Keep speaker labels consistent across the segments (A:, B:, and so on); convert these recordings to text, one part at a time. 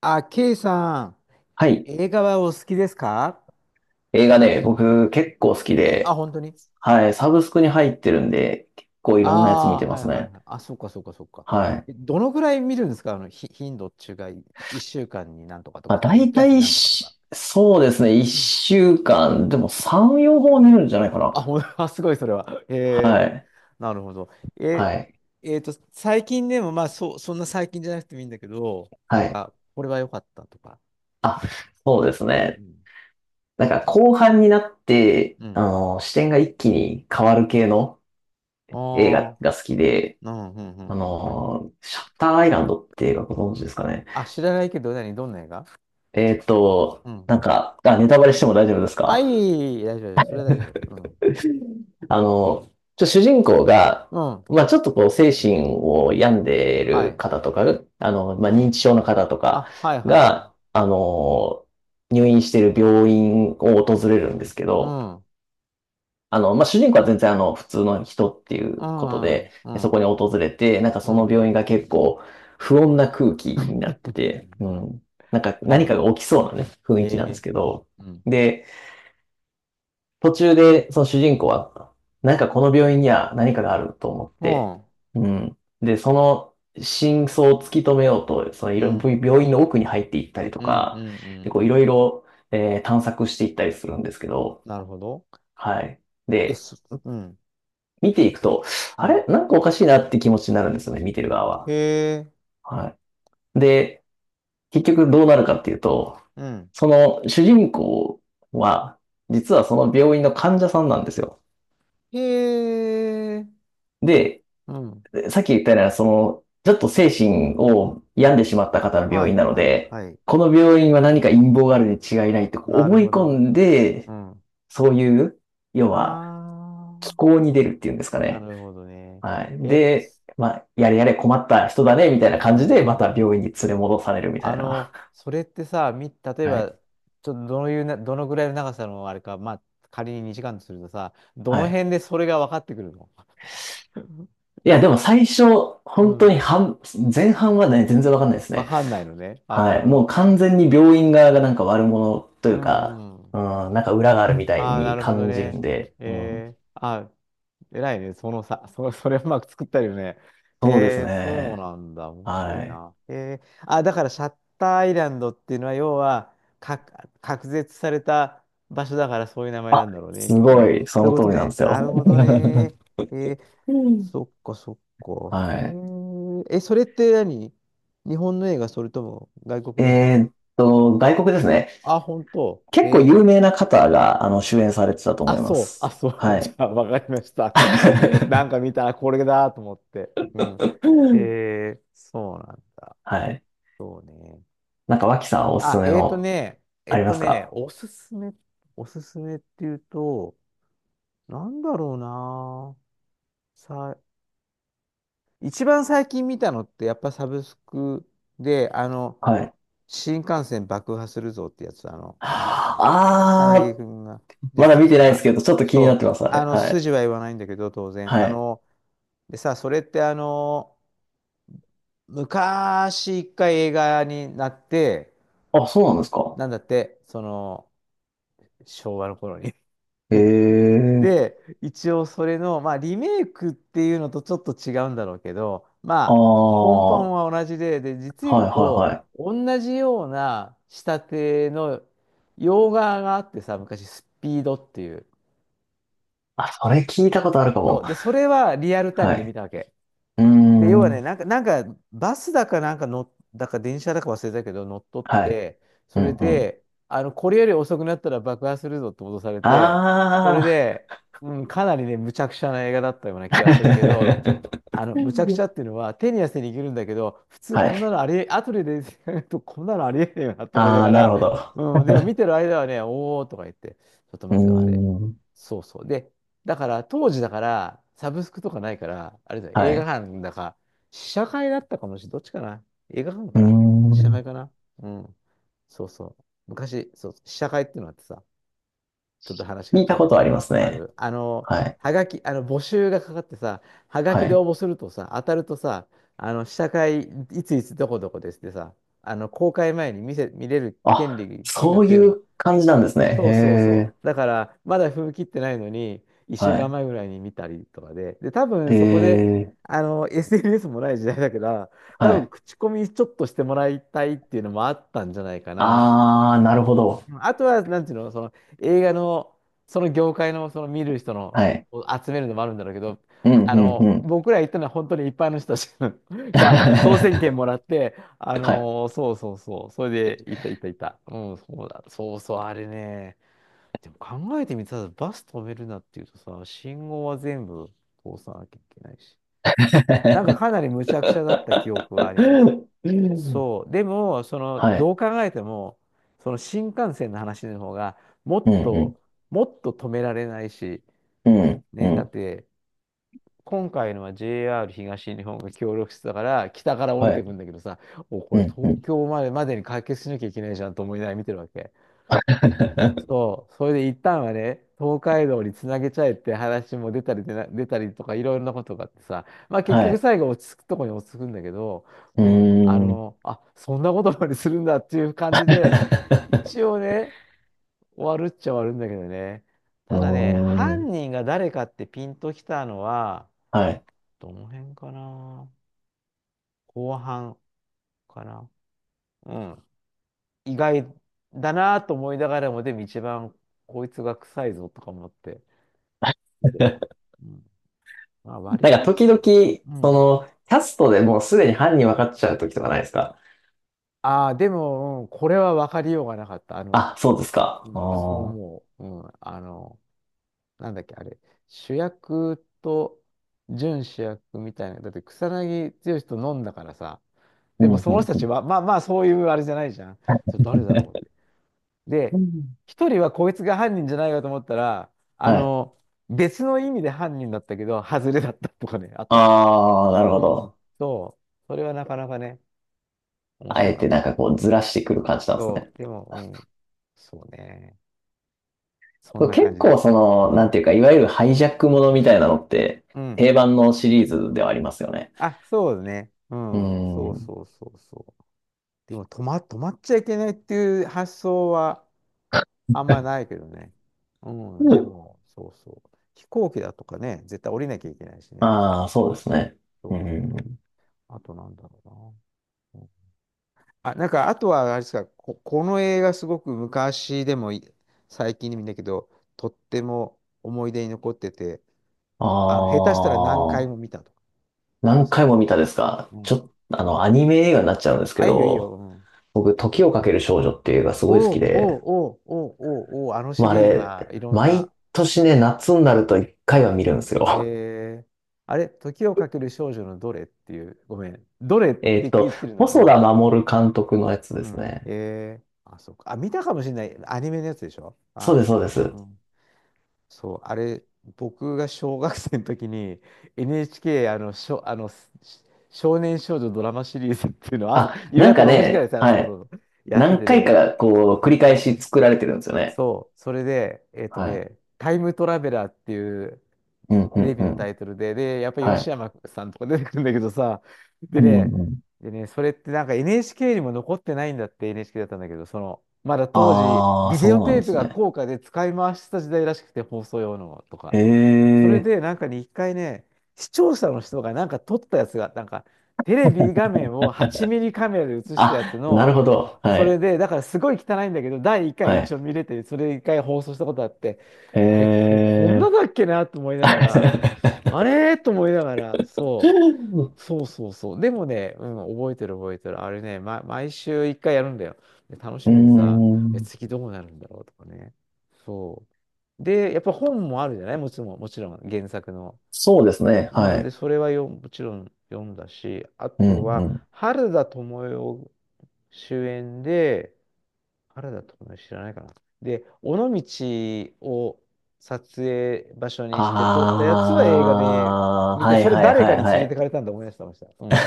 A: あ、ケイさん、
B: はい。
A: 映画はお好きですか？
B: 映画ね、僕結構好き
A: あ、
B: で、
A: 本当に？
B: はい。サブスクに入ってるんで、結構いろんなやつ見
A: あ
B: て
A: あー、
B: ま
A: はい
B: す
A: はい
B: ね。
A: はい。あ、そっかそっかそっか。
B: はい。
A: どのぐらい見るんですか？あの、頻度っていうか、1週間になんとかと
B: まあ、
A: か、あ、
B: 大
A: 1月に
B: 体
A: なんとかとか。
B: し、そうですね。一
A: うん。
B: 週間、でも3、4本は寝るんじゃないかな。
A: あ、すごいそれは。へ
B: は
A: え、
B: い。
A: なるほど。え、
B: はい。
A: えっと、最近でも、まあそう、そんな最近じゃなくてもいいんだけど、な
B: は
A: ん
B: い。
A: か、これは良かったとか。
B: あ、そうです
A: う
B: ね。
A: ん。
B: なんか後半になって、
A: うん。
B: 視点が一気に変わる系の映画
A: ああ、
B: が好きで、
A: うん、うん、うん、うん。
B: シャッターアイランドって映画ご存知ですかね？
A: あ、知らないけど、どんな映画？うん。
B: なんか、あ、ネタバレしても大丈夫です
A: あ、い
B: か？
A: い、いい、大丈夫、大丈夫、それは大丈夫。うん。
B: あの、主人公が、
A: うん。
B: まあちょっとこう精神を病んでい
A: は
B: る
A: い。
B: 方とか、ま
A: う
B: あ認知
A: ん。
B: 症の方とか
A: あ、はいはいはい。
B: が、入院している病院を訪れるんですけ
A: う
B: ど、
A: ん。
B: まあ主人公は全然普通の人ってい
A: う
B: うこと
A: ん、う
B: で、
A: ん、う
B: そこ
A: ん、
B: に訪れて、なんか
A: う
B: その
A: ん。
B: 病院が結構不穏な空気になってて、うん。なんか
A: なる
B: 何
A: ほ
B: かが
A: ど。
B: 起きそうなね、雰囲気
A: え
B: なんで
A: え。
B: すけど、
A: うん。
B: で、途中で、その主人公は、なんかこの病院には何かがあると思って、
A: も
B: うん。で、その真相を突き止めようと、そのい
A: う
B: ろ、
A: ん、
B: 病院の奥に入っていったりと
A: うん。う
B: か、
A: ん、うん、
B: で、
A: う
B: こうい
A: ん、う
B: ろ
A: ん。
B: いろ、探索していったりするんですけど、
A: なるほど。
B: はい。
A: え、
B: で、
A: すうん、
B: 見ていくと、
A: う
B: あ
A: ん。
B: れなんかおかしいなって気持ちになるんですよね、見てる側
A: へ
B: は。
A: え、
B: はい。で、結局どうなるかっていうと、
A: うん。
B: その主人公は、実はその病院の患者さんなんですよ。
A: へえ、
B: で、
A: うん。
B: さっき言ったような、その、ちょっと精神を病んでしまった方の
A: は
B: 病院
A: い、
B: なの
A: はい、
B: で、
A: はい。
B: この病院は何か陰謀があるに違いないと
A: なる
B: 思い
A: ほ
B: 込
A: ど。
B: ん
A: う
B: で、
A: ん。
B: そういう、要は、
A: あ、
B: 気候に出るっていうんですか
A: な
B: ね。
A: るほどね。
B: はい。
A: え、
B: で、
A: す
B: まあ、やれやれ困った人だね、みたいな
A: う
B: 感じで、また
A: ー
B: 病院
A: ん。
B: に連れ戻されるみた
A: あ
B: いな。
A: の、それってさ、例え
B: はい。
A: ば、ちょっとどういうな、どのぐらいの長さのあれか、まあ、仮に2時間とするとさ、ど
B: は
A: の
B: い。
A: 辺でそれが分かってくるの？
B: いや、でも最初、
A: う
B: 本当
A: ん。
B: に前半はね、全然わかんないです
A: 分
B: ね。
A: かんないのね。あ、な
B: は
A: る
B: い。
A: ほ
B: もう
A: ど。
B: 完全に病院側がなんか悪者とい
A: う
B: うか、
A: んうん。
B: うん、なんか裏があるみたい
A: ああ、な
B: に
A: るほど
B: 感じるん
A: ね。
B: で、うん。
A: えー、あ、偉いね。そのさ、それうまく作ったよね。
B: そうです
A: へえ、そう
B: ね。
A: なんだ。面白
B: は
A: い
B: い。
A: な。へえ、あ、だからシャッターアイランドっていうのは、要は、か、隔絶された場所だからそういう名前
B: あ、
A: なんだろうね。
B: す
A: きっと
B: ご
A: ね。
B: い、そ
A: そういう
B: の
A: こ
B: 通
A: と
B: りなんで
A: ね。
B: す
A: なる
B: よ。
A: ほどね。えー、そっかそっ か。へ
B: はい。
A: え、え、それって何、日本の映画、それとも外国の映画？
B: 外国ですね。
A: あ、本当。
B: 結構有名な方が、主演されてたと
A: あ、
B: 思いま
A: そう。あ、
B: す。
A: そう。
B: は
A: じ
B: い。
A: ゃあ、わかりました。あの、はい。なん か見たらこれだと思って。うん。へえ、そうなんだ。
B: はい。
A: そうね。
B: なんか、脇さんおすす
A: あ、
B: め
A: えーと
B: の、
A: ね、え
B: あ
A: っ
B: りま
A: と
B: す
A: ね、
B: か？
A: おすすめ、おすすめっていうと、なんだろうな。さ、一番最近見たのって、やっぱサブスクで、あの、
B: はい。
A: 新幹線爆破するぞってやつ、あの、なんだっけ、草
B: あ
A: 薙
B: ー、
A: 君が出
B: ま
A: て
B: だ
A: たや
B: 見
A: つ
B: て
A: か
B: ないです
A: な。
B: けど、ちょっと気になって
A: そう、
B: ます、あ
A: あ
B: れ。
A: の、
B: はい。
A: 筋は言わないんだけど、当然。
B: は
A: あ
B: い。
A: の、でさ、それってあの、昔一回映画になって、
B: あ、そうなんですか？
A: なんだって、その、昭和の頃に。
B: ええ、
A: で、一応それの、まあ、リメイクっていうのとちょっと違うんだろうけど、
B: あ
A: まあ、根
B: あ、
A: 本
B: はい
A: は同じで、で、実
B: は
A: 言う
B: い
A: と、
B: はい。
A: 同じような仕立ての洋画があってさ、昔、スピードっていう。
B: あ、それ聞いたことあるか
A: そ
B: も。
A: う。で、それはリアルタイム
B: は
A: で見
B: い。
A: たわけ。
B: うー
A: で、要はね、
B: ん。
A: なんか、バスだかなんかの、だか電車だか忘れたけど、乗っ取っ
B: はい。
A: て、
B: う
A: それ
B: んうん。
A: で、あの、これより遅くなったら爆破するぞって脅されて、それ
B: あ
A: で、うん、かなりね、むちゃくちゃな映画だったような気
B: あ。
A: がするけど、あ の、
B: う
A: むちゃくち
B: ん、
A: ゃっていうのは、手に汗握るんだけど、普通
B: は
A: こんな
B: い。
A: のありえ、後で出てくると、こんなのありえないよなと思いな
B: ああ、
A: が
B: なる
A: ら、
B: ほど。
A: うん、でも見てる間はね、おーとか言って、ちょっと
B: うー
A: 待ってよ、あれ。
B: ん。
A: そうそう。で、だから、当時だから、サブスクとかないから、あれだよ、映
B: は
A: 画
B: い。
A: 館だか、試写会だったかもしれない。どっちかな？映画館
B: う
A: か
B: ー
A: な？試写会
B: ん。
A: かな？うん。そうそう。昔、そう、試写会っていうのがあってさ、ちょっと話変わ
B: 聞
A: っ
B: い
A: ちゃ
B: た
A: う
B: こ
A: け
B: と
A: ど、
B: あります
A: あ
B: ね。
A: る、あの、
B: はい。
A: はがき、あの、募集がかかってさ、はが
B: は
A: きで
B: い。
A: 応募するとさ、当たるとさ、あの、試写会、いついつどこどこですってさ、あの、公開前に見れる権
B: あ、
A: 利、券
B: そ
A: が
B: う
A: くれる
B: い
A: の。
B: う感じなんですね。
A: そうそう
B: へ
A: そう。
B: え。
A: だから、まだ踏み切ってないのに、1週
B: は
A: 間
B: い。
A: 前ぐらいに見たりとかで、で、多分
B: え
A: そこで、
B: え。
A: あの、SNS もない時代だから、多
B: は
A: 分
B: い。
A: 口コミちょっとしてもらいたいっていうのもあったんじゃないかな。
B: ああ、なるほど。
A: うん、あとは、なんていうの、その映画の、その業界の、その見る人の、
B: はい。
A: を集めるのもあるんだろうけど、
B: うん
A: あ
B: うんう
A: の、
B: ん。
A: 僕ら行ったのは本当に一般の人たち、 が当選券 もらって、あ
B: はい。
A: の、そうそうそう、それで行った行った行った。うん、そうだ、そうそう、あれね。でも考えてみたらバス止めるなっていうとさ、信号は全部通さなきゃいけないし。なんかかなり無茶苦茶だった記憶はあります。そう。でも、その、
B: は
A: ど
B: い。
A: う考えても、その新幹線の話の方が、も
B: う
A: っ
B: ん、うん、
A: と、もっと止められないし、
B: うん、う
A: ね、だっ
B: ん。
A: て、今回のは JR 東日本が協力してたから、北から降り
B: は
A: てくん
B: い。
A: だけどさ、お、こ
B: う
A: れ
B: ん、う
A: 東
B: ん。
A: 京までまでに解決しなきゃいけないじゃんと思いながら見てるわけ。そう、それで一旦はね、東海道につなげちゃえって話も出たりとかいろいろなことがあってさ、まあ結
B: は
A: 局
B: い。
A: 最後落ち着くとこに落ち着くんだけど、
B: う
A: うん、あ
B: ーん。
A: の、あ、そんなことまでするんだっていう感 じで、
B: う
A: 一応ね、終わるっちゃ終わるんだけどね。
B: ー
A: ただね、
B: ん。
A: 犯人が誰かってピンときたのは、
B: はい。
A: どの辺かな、後半かな。うん。意外だなと思いながらも、でも一番こいつが臭いぞとか思って見てた。うん。まあ、割
B: なんか
A: とで
B: 時
A: も。
B: 々、
A: う
B: そ
A: ん。
B: の、キャストでもうすでに犯人分かっちゃう時とかないですか？
A: ああ、でも、うん、これは分かりようがなかった。あの、
B: あ、そうです
A: う
B: か？
A: ん。そう
B: ああ。
A: 思う。うん。あの、なんだっけ、あれ、主役と準主役みたいな。だって草薙剛と飲んだからさ。
B: う
A: でも
B: ん、
A: そ
B: う
A: の人たち
B: ん、
A: は、まあまあ、そういうあれじゃないじゃん。それ誰だろうって。
B: う
A: で、
B: ん。
A: 一人はこいつが犯人じゃないかと思ったら、あ
B: はい。
A: の、別の意味で犯人だったけど、外れだったとかね、あったあったあった。
B: ああ、なるほ
A: うん。
B: ど。
A: そう。それはなかなかね、面
B: あ
A: 白
B: え
A: かっ
B: て
A: た
B: なん
A: ね。
B: かこうずらしてくる感じなんです
A: そ
B: ね。
A: う、でも、うん。そうね。そん
B: そう
A: な感
B: 結
A: じで
B: 構
A: す。
B: その、
A: う
B: なんてい
A: ん。
B: うか、いわゆるハイジャックものみたいなのって、
A: うん。
B: 定番のシリーズではありますよね。
A: あ、そうね。う
B: うー
A: ん。そ
B: ん。
A: う
B: う
A: そうそうそう。でも、止まっちゃいけないっていう発想はあんまないけどね。うん。
B: ん、
A: でも、そうそう。飛行機だとかね、絶対降りなきゃいけないしね。
B: ああ、そ
A: う
B: うで
A: ん、
B: すね。
A: そ
B: う
A: うだね。
B: ん。
A: あと、なんだろうな。あ、なんか、あとは、あれですか、この映画すごく昔でも最近でもいいんだけど、とっても思い出に残ってて、
B: あ
A: あの、下手したら何回も
B: あ、
A: 見たとか、あるんで
B: 何
A: すけ
B: 回
A: ど。
B: も見たですか？
A: う
B: ちょっ
A: ん。
B: と、アニメ映画になっちゃうんですけ
A: あ、いいよいいよ。う
B: ど、
A: ん。
B: 僕、時をかける少女っていう映画すごい好
A: お
B: き
A: うお
B: で、
A: うおうおうおうおう、あのシ
B: まあ、あ
A: リーズ
B: れ、
A: はいろんな、
B: 毎年ね、夏になると一回は見るんです
A: え
B: よ。
A: ー、あれ、時をかける少女のどれっていう、ごめん、どれっ
B: え
A: て
B: っ
A: 言
B: と、
A: ってるな、う
B: 細田
A: ん。
B: 守監督のやつ
A: う
B: です
A: ん。
B: ね。
A: えー、あ、そうか。あ、見たかもしれない。アニメのやつでしょ？
B: そ
A: あ、
B: うで
A: 見
B: す、
A: た
B: そう
A: か
B: で
A: もしれない。う
B: す。
A: ん、そう、あれ、僕が小学生の時に NHK、あの、しょ、あの、し少年少女ドラマシリーズっていうのを朝、
B: あ、
A: 夕
B: なん
A: 方
B: か
A: 6時から
B: ね、は
A: そうそ
B: い。
A: うそう、やって
B: 何
A: て
B: 回
A: ね、
B: かこう、繰り返し作られてるんですよね。
A: そう、それで、えっと
B: はい。
A: ね、タイムトラベラーっていう、
B: うん、う
A: テ
B: ん、
A: レビ
B: う
A: のタ
B: ん。
A: イトルで、で、やっぱり
B: は
A: 吉
B: い。
A: 山さんとか出てくるんだけどさ、で
B: うん、
A: ね、
B: うん。
A: でね、それってなんか NHK にも残ってないんだって、 NHK だったんだけど、その、まだ当時、
B: ああ、
A: ビデ
B: そ
A: オ
B: うな
A: テ
B: ん
A: ー
B: で
A: プ
B: す
A: が
B: ね。
A: 高価で使い回してた時代らしくて、放送用のとか。
B: へ
A: それ
B: え。
A: で、なんかね、一回ね、視聴者の人がなんか撮ったやつが、なんか、テレビ画面を8ミリカメラで映したやつ
B: あ、なる
A: の、
B: ほど。は
A: それ
B: い。
A: で、だからすごい汚いんだけど、第1回
B: は
A: 一
B: い。
A: 応見れて、それ1回放送したことあって、
B: へ
A: あれ、こんな
B: え。
A: だっけなと思いながら、あ れと思いながら、そう、そうそうそう。でもね、うん、覚えてる覚えてる。あれね、ま、毎週1回やるんだよ。で楽し
B: うー
A: みでさ、え、
B: ん。
A: 次どうなるんだろうとかね。そう。で、やっぱ本もあるじゃない、もちろん、もちろん、原作の。
B: そうですね。
A: う
B: は
A: ん、で、
B: い。
A: それはもちろん読んだし、あ
B: う
A: と
B: ん、う
A: は、
B: ん。
A: 原田知世主演で、原田知世知らないかな。で、尾道を撮影場所にして撮ったやつは映画で
B: あ
A: 見
B: あ、
A: て、
B: はい
A: それ
B: はい
A: 誰か
B: はい
A: に
B: は
A: 連れて
B: い。
A: かれたんだ思い出してました。うん。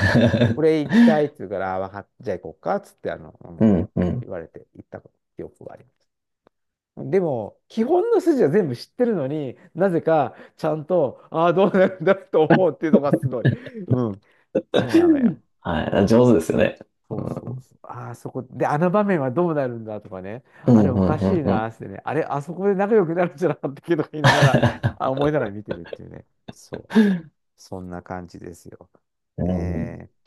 A: これ行きたいって言 うから、あわかっじゃあ行こうかっつって、あの、う
B: う
A: ん、
B: ん、うん。
A: 言われて行った記憶があります。でも、基本の筋は全部知ってるのになぜかちゃんと、ああ、どうなるんだと思うっていうのがすごい。うん、そうなのよ。
B: はい。上手ですよね。
A: そうそう
B: う
A: そう。ああ、そこで、あの場面はどうなるんだとかね。
B: ん、う
A: あれ
B: ん、
A: おか
B: う
A: し
B: ん、
A: い
B: う
A: なー
B: ん。
A: っつってね。あれ、あそこで仲良くなるんじゃなかったっけとか言いながら、あ、思いながら見てるっていうね。そう。そんな感じですよ。
B: うん
A: ねえ。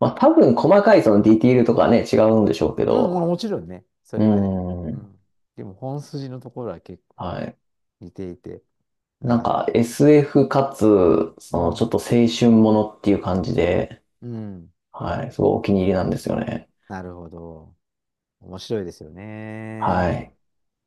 B: まあ多分細かいそのディティールとかね、違うんでしょうけ
A: うん、まあ
B: ど、
A: もちろんね。そ
B: う
A: れはね。
B: ー
A: う
B: ん、
A: ん。でも本筋のところは結構
B: はい。
A: 似ていて、な
B: なん
A: かな
B: か
A: かです。
B: SF かつ、
A: う
B: そのちょっ
A: ん。
B: と青春ものっていう感じで、
A: うん。
B: はい、すごいお気に入りなんですよね。
A: なるほど。面白いですよね。
B: はい。